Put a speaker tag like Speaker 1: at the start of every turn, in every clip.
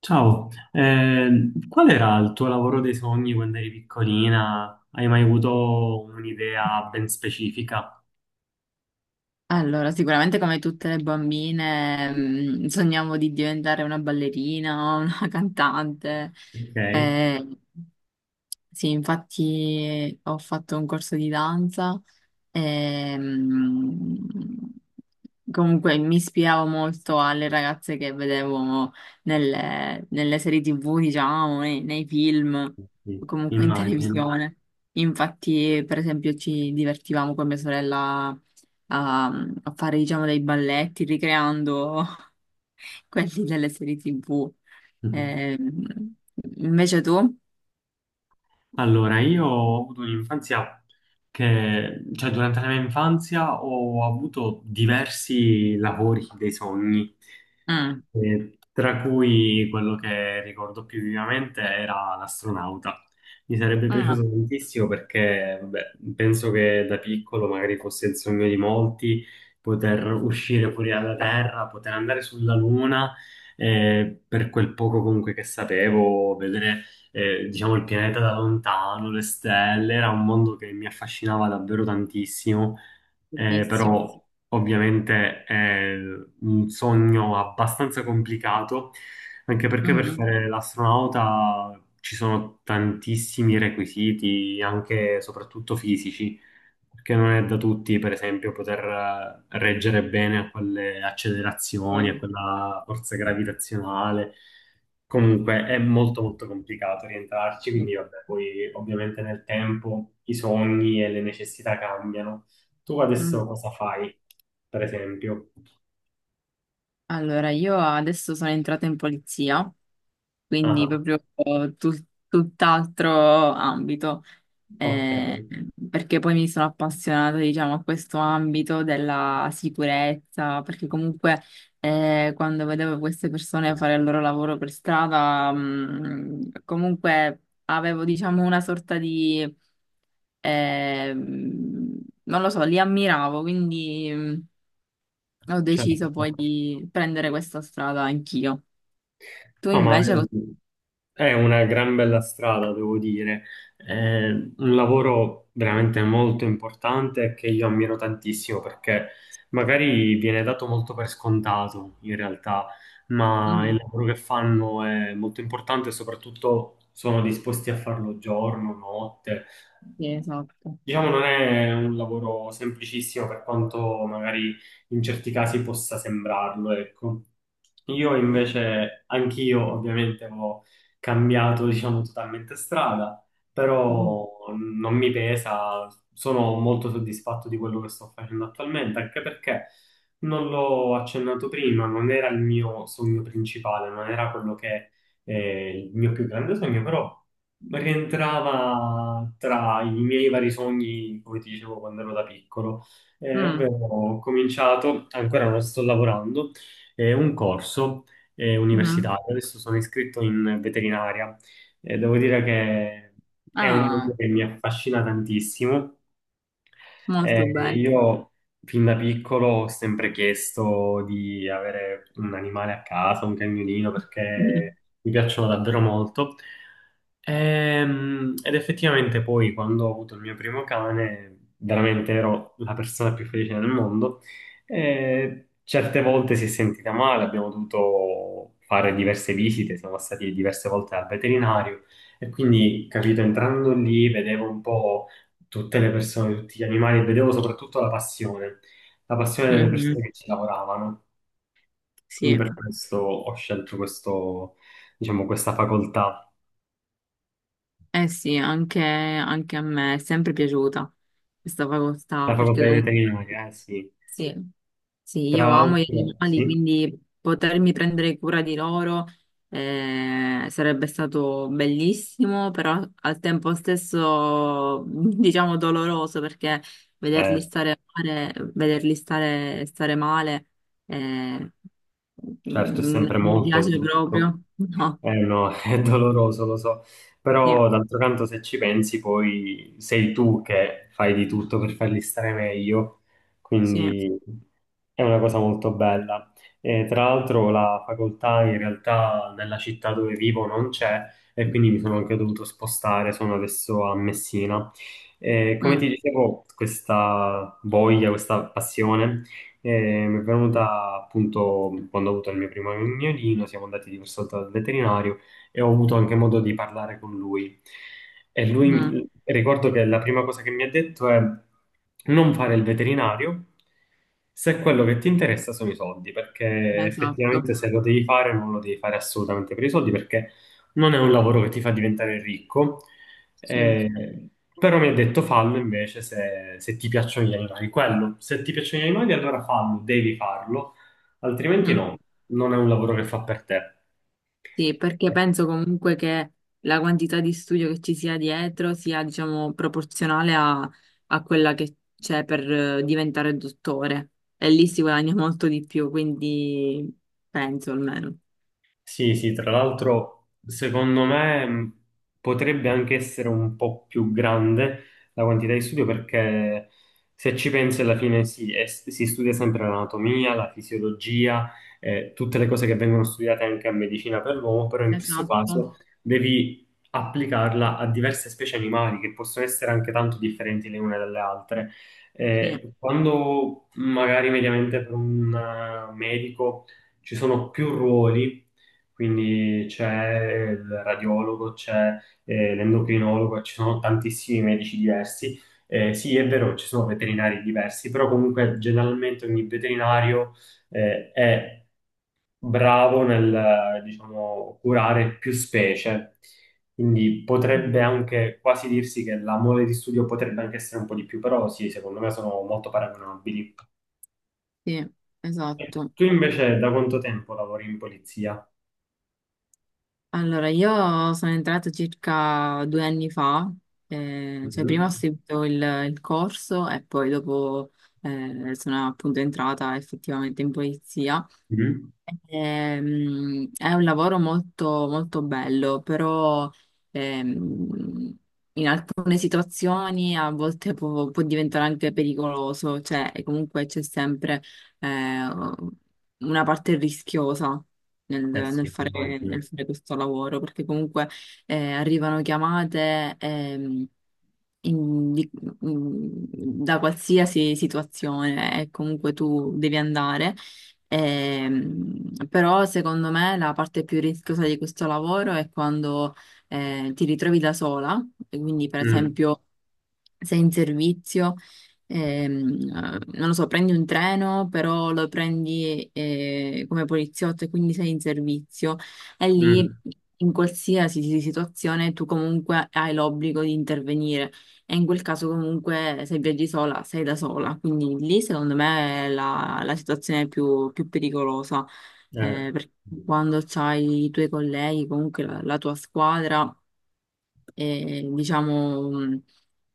Speaker 1: Ciao, qual era il tuo lavoro dei sogni quando eri piccolina? Hai mai avuto un'idea ben specifica?
Speaker 2: Allora, sicuramente come tutte le bambine, sogniamo di diventare una ballerina, o una cantante.
Speaker 1: Ok,
Speaker 2: Eh, sì, infatti ho fatto un corso di danza. Ehm, Comunque mi ispiravo molto alle ragazze che vedevo nelle serie TV, diciamo, nei film,
Speaker 1: sì,
Speaker 2: o comunque in
Speaker 1: immagino.
Speaker 2: televisione. Infatti, per esempio, ci divertivamo con mia sorella a fare, diciamo, dei balletti ricreando quelli delle serie TV. Ehm, Invece tu?
Speaker 1: Allora, io ho avuto un'infanzia cioè durante la mia infanzia ho avuto diversi lavori dei sogni,
Speaker 2: Mm.
Speaker 1: tra cui quello che ricordo più vivamente era l'astronauta. Mi sarebbe piaciuto
Speaker 2: Ah,
Speaker 1: tantissimo perché, vabbè, penso che da piccolo magari fosse il sogno di molti poter uscire fuori dalla Terra, poter andare sulla Luna, per quel poco comunque che sapevo, vedere diciamo il pianeta da lontano, le stelle, era un mondo che mi affascinava davvero tantissimo,
Speaker 2: bellissimo.
Speaker 1: però ovviamente è un sogno abbastanza complicato, anche perché per
Speaker 2: Mhm.
Speaker 1: fare l'astronauta ci sono tantissimi requisiti, anche e soprattutto fisici, perché non è da tutti, per esempio, poter reggere bene a quelle accelerazioni, a
Speaker 2: Eh,
Speaker 1: quella forza gravitazionale. Comunque è molto molto complicato rientrarci,
Speaker 2: sì.
Speaker 1: quindi vabbè, poi ovviamente nel tempo i sogni e le necessità cambiano. Tu adesso cosa fai, per esempio?
Speaker 2: Allora, io adesso sono entrata in polizia,
Speaker 1: Ah,
Speaker 2: quindi proprio tutt'altro ambito,
Speaker 1: ok,
Speaker 2: eh, perché poi mi sono appassionata, diciamo, a questo ambito della sicurezza, perché comunque quando vedevo queste persone fare il loro lavoro per strada, comunque avevo, diciamo, una sorta di... non lo so, li ammiravo, quindi ho deciso poi
Speaker 1: certo.
Speaker 2: di prendere questa strada anch'io. Tu
Speaker 1: No, ma
Speaker 2: invece lo...
Speaker 1: è una gran bella strada, devo dire. È un lavoro veramente molto importante che io ammiro tantissimo perché magari viene dato molto per scontato in realtà, ma il
Speaker 2: Mm,
Speaker 1: lavoro che fanno è molto importante e soprattutto sono disposti a farlo giorno, notte.
Speaker 2: sì, esatto.
Speaker 1: Diciamo non è un lavoro semplicissimo per quanto magari in certi casi possa sembrarlo, ecco. Io invece, anch'io ovviamente ho cambiato, diciamo, totalmente strada,
Speaker 2: Mm,
Speaker 1: però non mi pesa, sono molto soddisfatto di quello che sto facendo attualmente, anche perché non l'ho accennato prima, non era il mio sogno principale, non era quello che è il mio più grande sogno, però rientrava tra i miei vari sogni, come ti dicevo quando ero da piccolo. Ovvero
Speaker 2: mm,
Speaker 1: ho cominciato, ancora non sto lavorando, un corso
Speaker 2: mm.
Speaker 1: universitario. Adesso sono iscritto in veterinaria. Devo dire che è un mondo
Speaker 2: Ah,
Speaker 1: che mi affascina tantissimo,
Speaker 2: molto bello.
Speaker 1: io fin da piccolo ho sempre chiesto di avere un animale a casa, un cagnolino,
Speaker 2: Mm,
Speaker 1: perché mi piacciono davvero molto. Ed effettivamente poi quando ho avuto il mio primo cane, veramente ero la persona più felice del mondo. E certe volte si è sentita male, abbiamo dovuto fare diverse visite, siamo stati diverse volte al veterinario e quindi, capito, entrando lì vedevo un po' tutte le persone, tutti gli animali, e vedevo soprattutto la passione delle
Speaker 2: mhm,
Speaker 1: persone che ci lavoravano. Quindi
Speaker 2: sì,
Speaker 1: per questo ho scelto questo, diciamo, questa facoltà,
Speaker 2: eh sì, anche a me è sempre piaciuta questa
Speaker 1: la
Speaker 2: facoltà,
Speaker 1: facoltà
Speaker 2: perché
Speaker 1: di
Speaker 2: comunque...
Speaker 1: veterinaria, sì.
Speaker 2: Sì. Sì,
Speaker 1: Tra
Speaker 2: io amo gli
Speaker 1: l'altro,
Speaker 2: animali,
Speaker 1: sì,
Speaker 2: quindi potermi prendere cura di loro sarebbe stato bellissimo, però al tempo stesso, diciamo, doloroso perché vederli
Speaker 1: eh,
Speaker 2: stare male, vederli stare male. eh,
Speaker 1: certo, è sempre
Speaker 2: Mi
Speaker 1: molto
Speaker 2: piace
Speaker 1: brutto.
Speaker 2: proprio. No,
Speaker 1: Eh no, è doloroso, lo so.
Speaker 2: sì,
Speaker 1: Però d'altro canto, se ci pensi, poi sei tu che fai di tutto per farli stare meglio.
Speaker 2: sì.
Speaker 1: Quindi è una cosa molto bella. E, tra l'altro, la facoltà in realtà nella città dove vivo non c'è e quindi mi sono anche dovuto spostare, sono adesso a Messina. E, come ti
Speaker 2: Mm,
Speaker 1: dicevo, questa voglia, questa passione e mi è venuta appunto quando ho avuto il mio primo agnolino, siamo andati diverse volte dal veterinario e ho avuto anche modo di parlare con lui. E lui,
Speaker 2: mm,
Speaker 1: ricordo che la prima cosa che mi ha detto è non fare il veterinario se quello che ti interessa sono i soldi, perché
Speaker 2: esatto.
Speaker 1: effettivamente se lo devi fare non lo devi fare assolutamente per i soldi, perché non è un lavoro che ti fa diventare ricco,
Speaker 2: Sì.
Speaker 1: eh, però mi ha detto fallo invece se ti piacciono gli animali. Quello, se ti piacciono gli animali, allora fallo, devi farlo, altrimenti
Speaker 2: Mm.
Speaker 1: no, non è un lavoro che fa per te.
Speaker 2: Sì, perché penso comunque che la quantità di studio che ci sia dietro sia, diciamo, proporzionale a, a quella che c'è per diventare dottore. E lì si guadagna molto di più, quindi penso almeno.
Speaker 1: Sì, sì, tra l'altro secondo me potrebbe anche essere un po' più grande la quantità di studio perché se ci pensi alla fine sì, si studia sempre l'anatomia, la fisiologia, tutte le cose che vengono studiate anche a medicina per l'uomo, però in questo
Speaker 2: Esatto.
Speaker 1: caso devi applicarla a diverse specie animali che possono essere anche tanto differenti le une dalle altre.
Speaker 2: Sì.
Speaker 1: Quando magari mediamente per un medico ci sono più ruoli, quindi c'è il radiologo, c'è l'endocrinologo, ci sono tantissimi medici diversi. Sì, è vero, ci sono veterinari diversi, però comunque generalmente ogni veterinario è bravo nel, diciamo, curare più specie. Quindi
Speaker 2: Mm,
Speaker 1: potrebbe anche quasi dirsi che la mole di studio potrebbe anche essere un po' di più, però sì, secondo me sono molto paragonabili.
Speaker 2: sì,
Speaker 1: E
Speaker 2: esatto.
Speaker 1: tu invece da quanto tempo lavori in polizia?
Speaker 2: Allora, io sono entrata circa due anni fa, cioè prima ho
Speaker 1: Mhm.
Speaker 2: seguito il corso e poi dopo sono appunto entrata effettivamente in polizia.
Speaker 1: Mhm.
Speaker 2: È un lavoro molto, molto bello, però ehm, alcune situazioni a volte può diventare anche pericoloso, cioè e comunque c'è sempre eh, una parte rischiosa nel,
Speaker 1: Eh
Speaker 2: nel
Speaker 1: sì,
Speaker 2: fare, nel
Speaker 1: immagino.
Speaker 2: fare questo lavoro, perché comunque arrivano chiamate. In- di- mm, Da qualsiasi situazione e comunque tu devi andare. Però secondo me la parte più rischiosa di questo lavoro è quando ti ritrovi da sola, e quindi per
Speaker 1: Mm,
Speaker 2: esempio sei in servizio, ehm, non lo so, prendi un treno, però lo prendi come poliziotto e quindi sei in servizio e lì
Speaker 1: mm,
Speaker 2: in qualsiasi situazione tu comunque hai l'obbligo di intervenire. E in quel caso comunque se viaggi sola sei da sola, quindi lì secondo me è la situazione più pericolosa,
Speaker 1: eh,
Speaker 2: perché quando c'hai i tuoi colleghi, comunque la tua squadra, diciamo,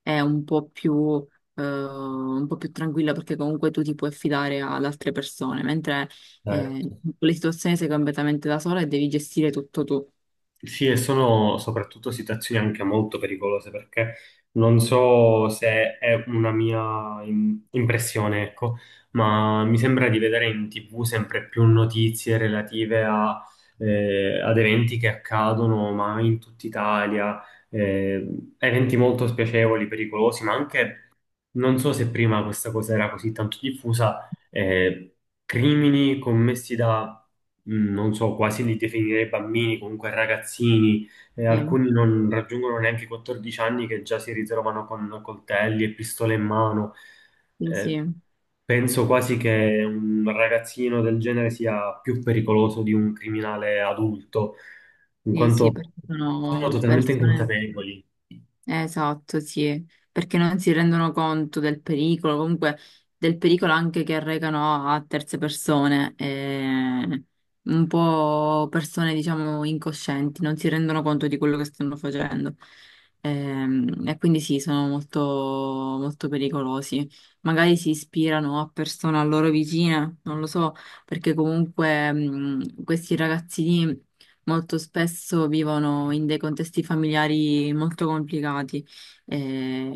Speaker 2: è un po' più tranquilla perché comunque tu ti puoi affidare ad altre persone, mentre eh,
Speaker 1: certo.
Speaker 2: le situazioni sei completamente da sola e devi gestire tutto tu.
Speaker 1: Sì, e sono soprattutto situazioni anche molto pericolose perché non so se è una mia impressione, ecco, ma mi sembra di vedere in TV sempre più notizie relative a ad eventi che accadono, ma in tutta Italia, eh, eventi molto spiacevoli, pericolosi, ma anche non so se prima questa cosa era così tanto diffusa, crimini commessi da, non so, quasi li definirei bambini, comunque ragazzini,
Speaker 2: Sì,
Speaker 1: alcuni non raggiungono neanche i 14 anni che già si ritrovano con coltelli e pistole in mano.
Speaker 2: sì,
Speaker 1: Eh,
Speaker 2: sì,
Speaker 1: penso quasi che un ragazzino del genere sia più pericoloso di un criminale adulto, in
Speaker 2: sì, sì,
Speaker 1: quanto
Speaker 2: perché
Speaker 1: sono
Speaker 2: sono
Speaker 1: totalmente
Speaker 2: persone...
Speaker 1: inconsapevoli.
Speaker 2: Esatto, sì, perché non si rendono conto del pericolo, comunque del pericolo anche che arrecano a terze persone, un po' persone diciamo incoscienti, non si rendono conto di quello che stanno facendo. E, quindi sì, sono molto, molto pericolosi. Magari si ispirano a persone a loro vicine, non lo so, perché comunque questi ragazzini molto spesso vivono in dei contesti familiari molto complicati, eh,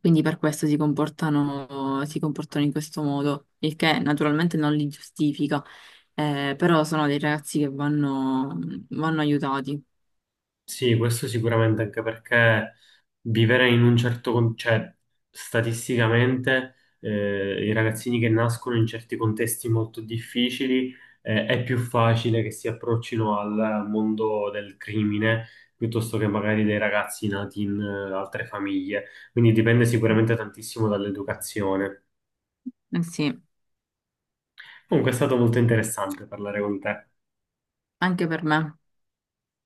Speaker 2: quindi per questo si comportano in questo modo, il che naturalmente non li giustifica, però sono dei ragazzi che vanno aiutati.
Speaker 1: Sì, questo sicuramente anche perché vivere in un certo, cioè statisticamente i ragazzini che nascono in certi contesti molto difficili, è più facile che si approccino al mondo del crimine piuttosto che magari dei ragazzi nati in altre famiglie. Quindi dipende sicuramente tantissimo dall'educazione.
Speaker 2: Eh sì,
Speaker 1: Comunque è stato molto interessante parlare con te.
Speaker 2: anche per me.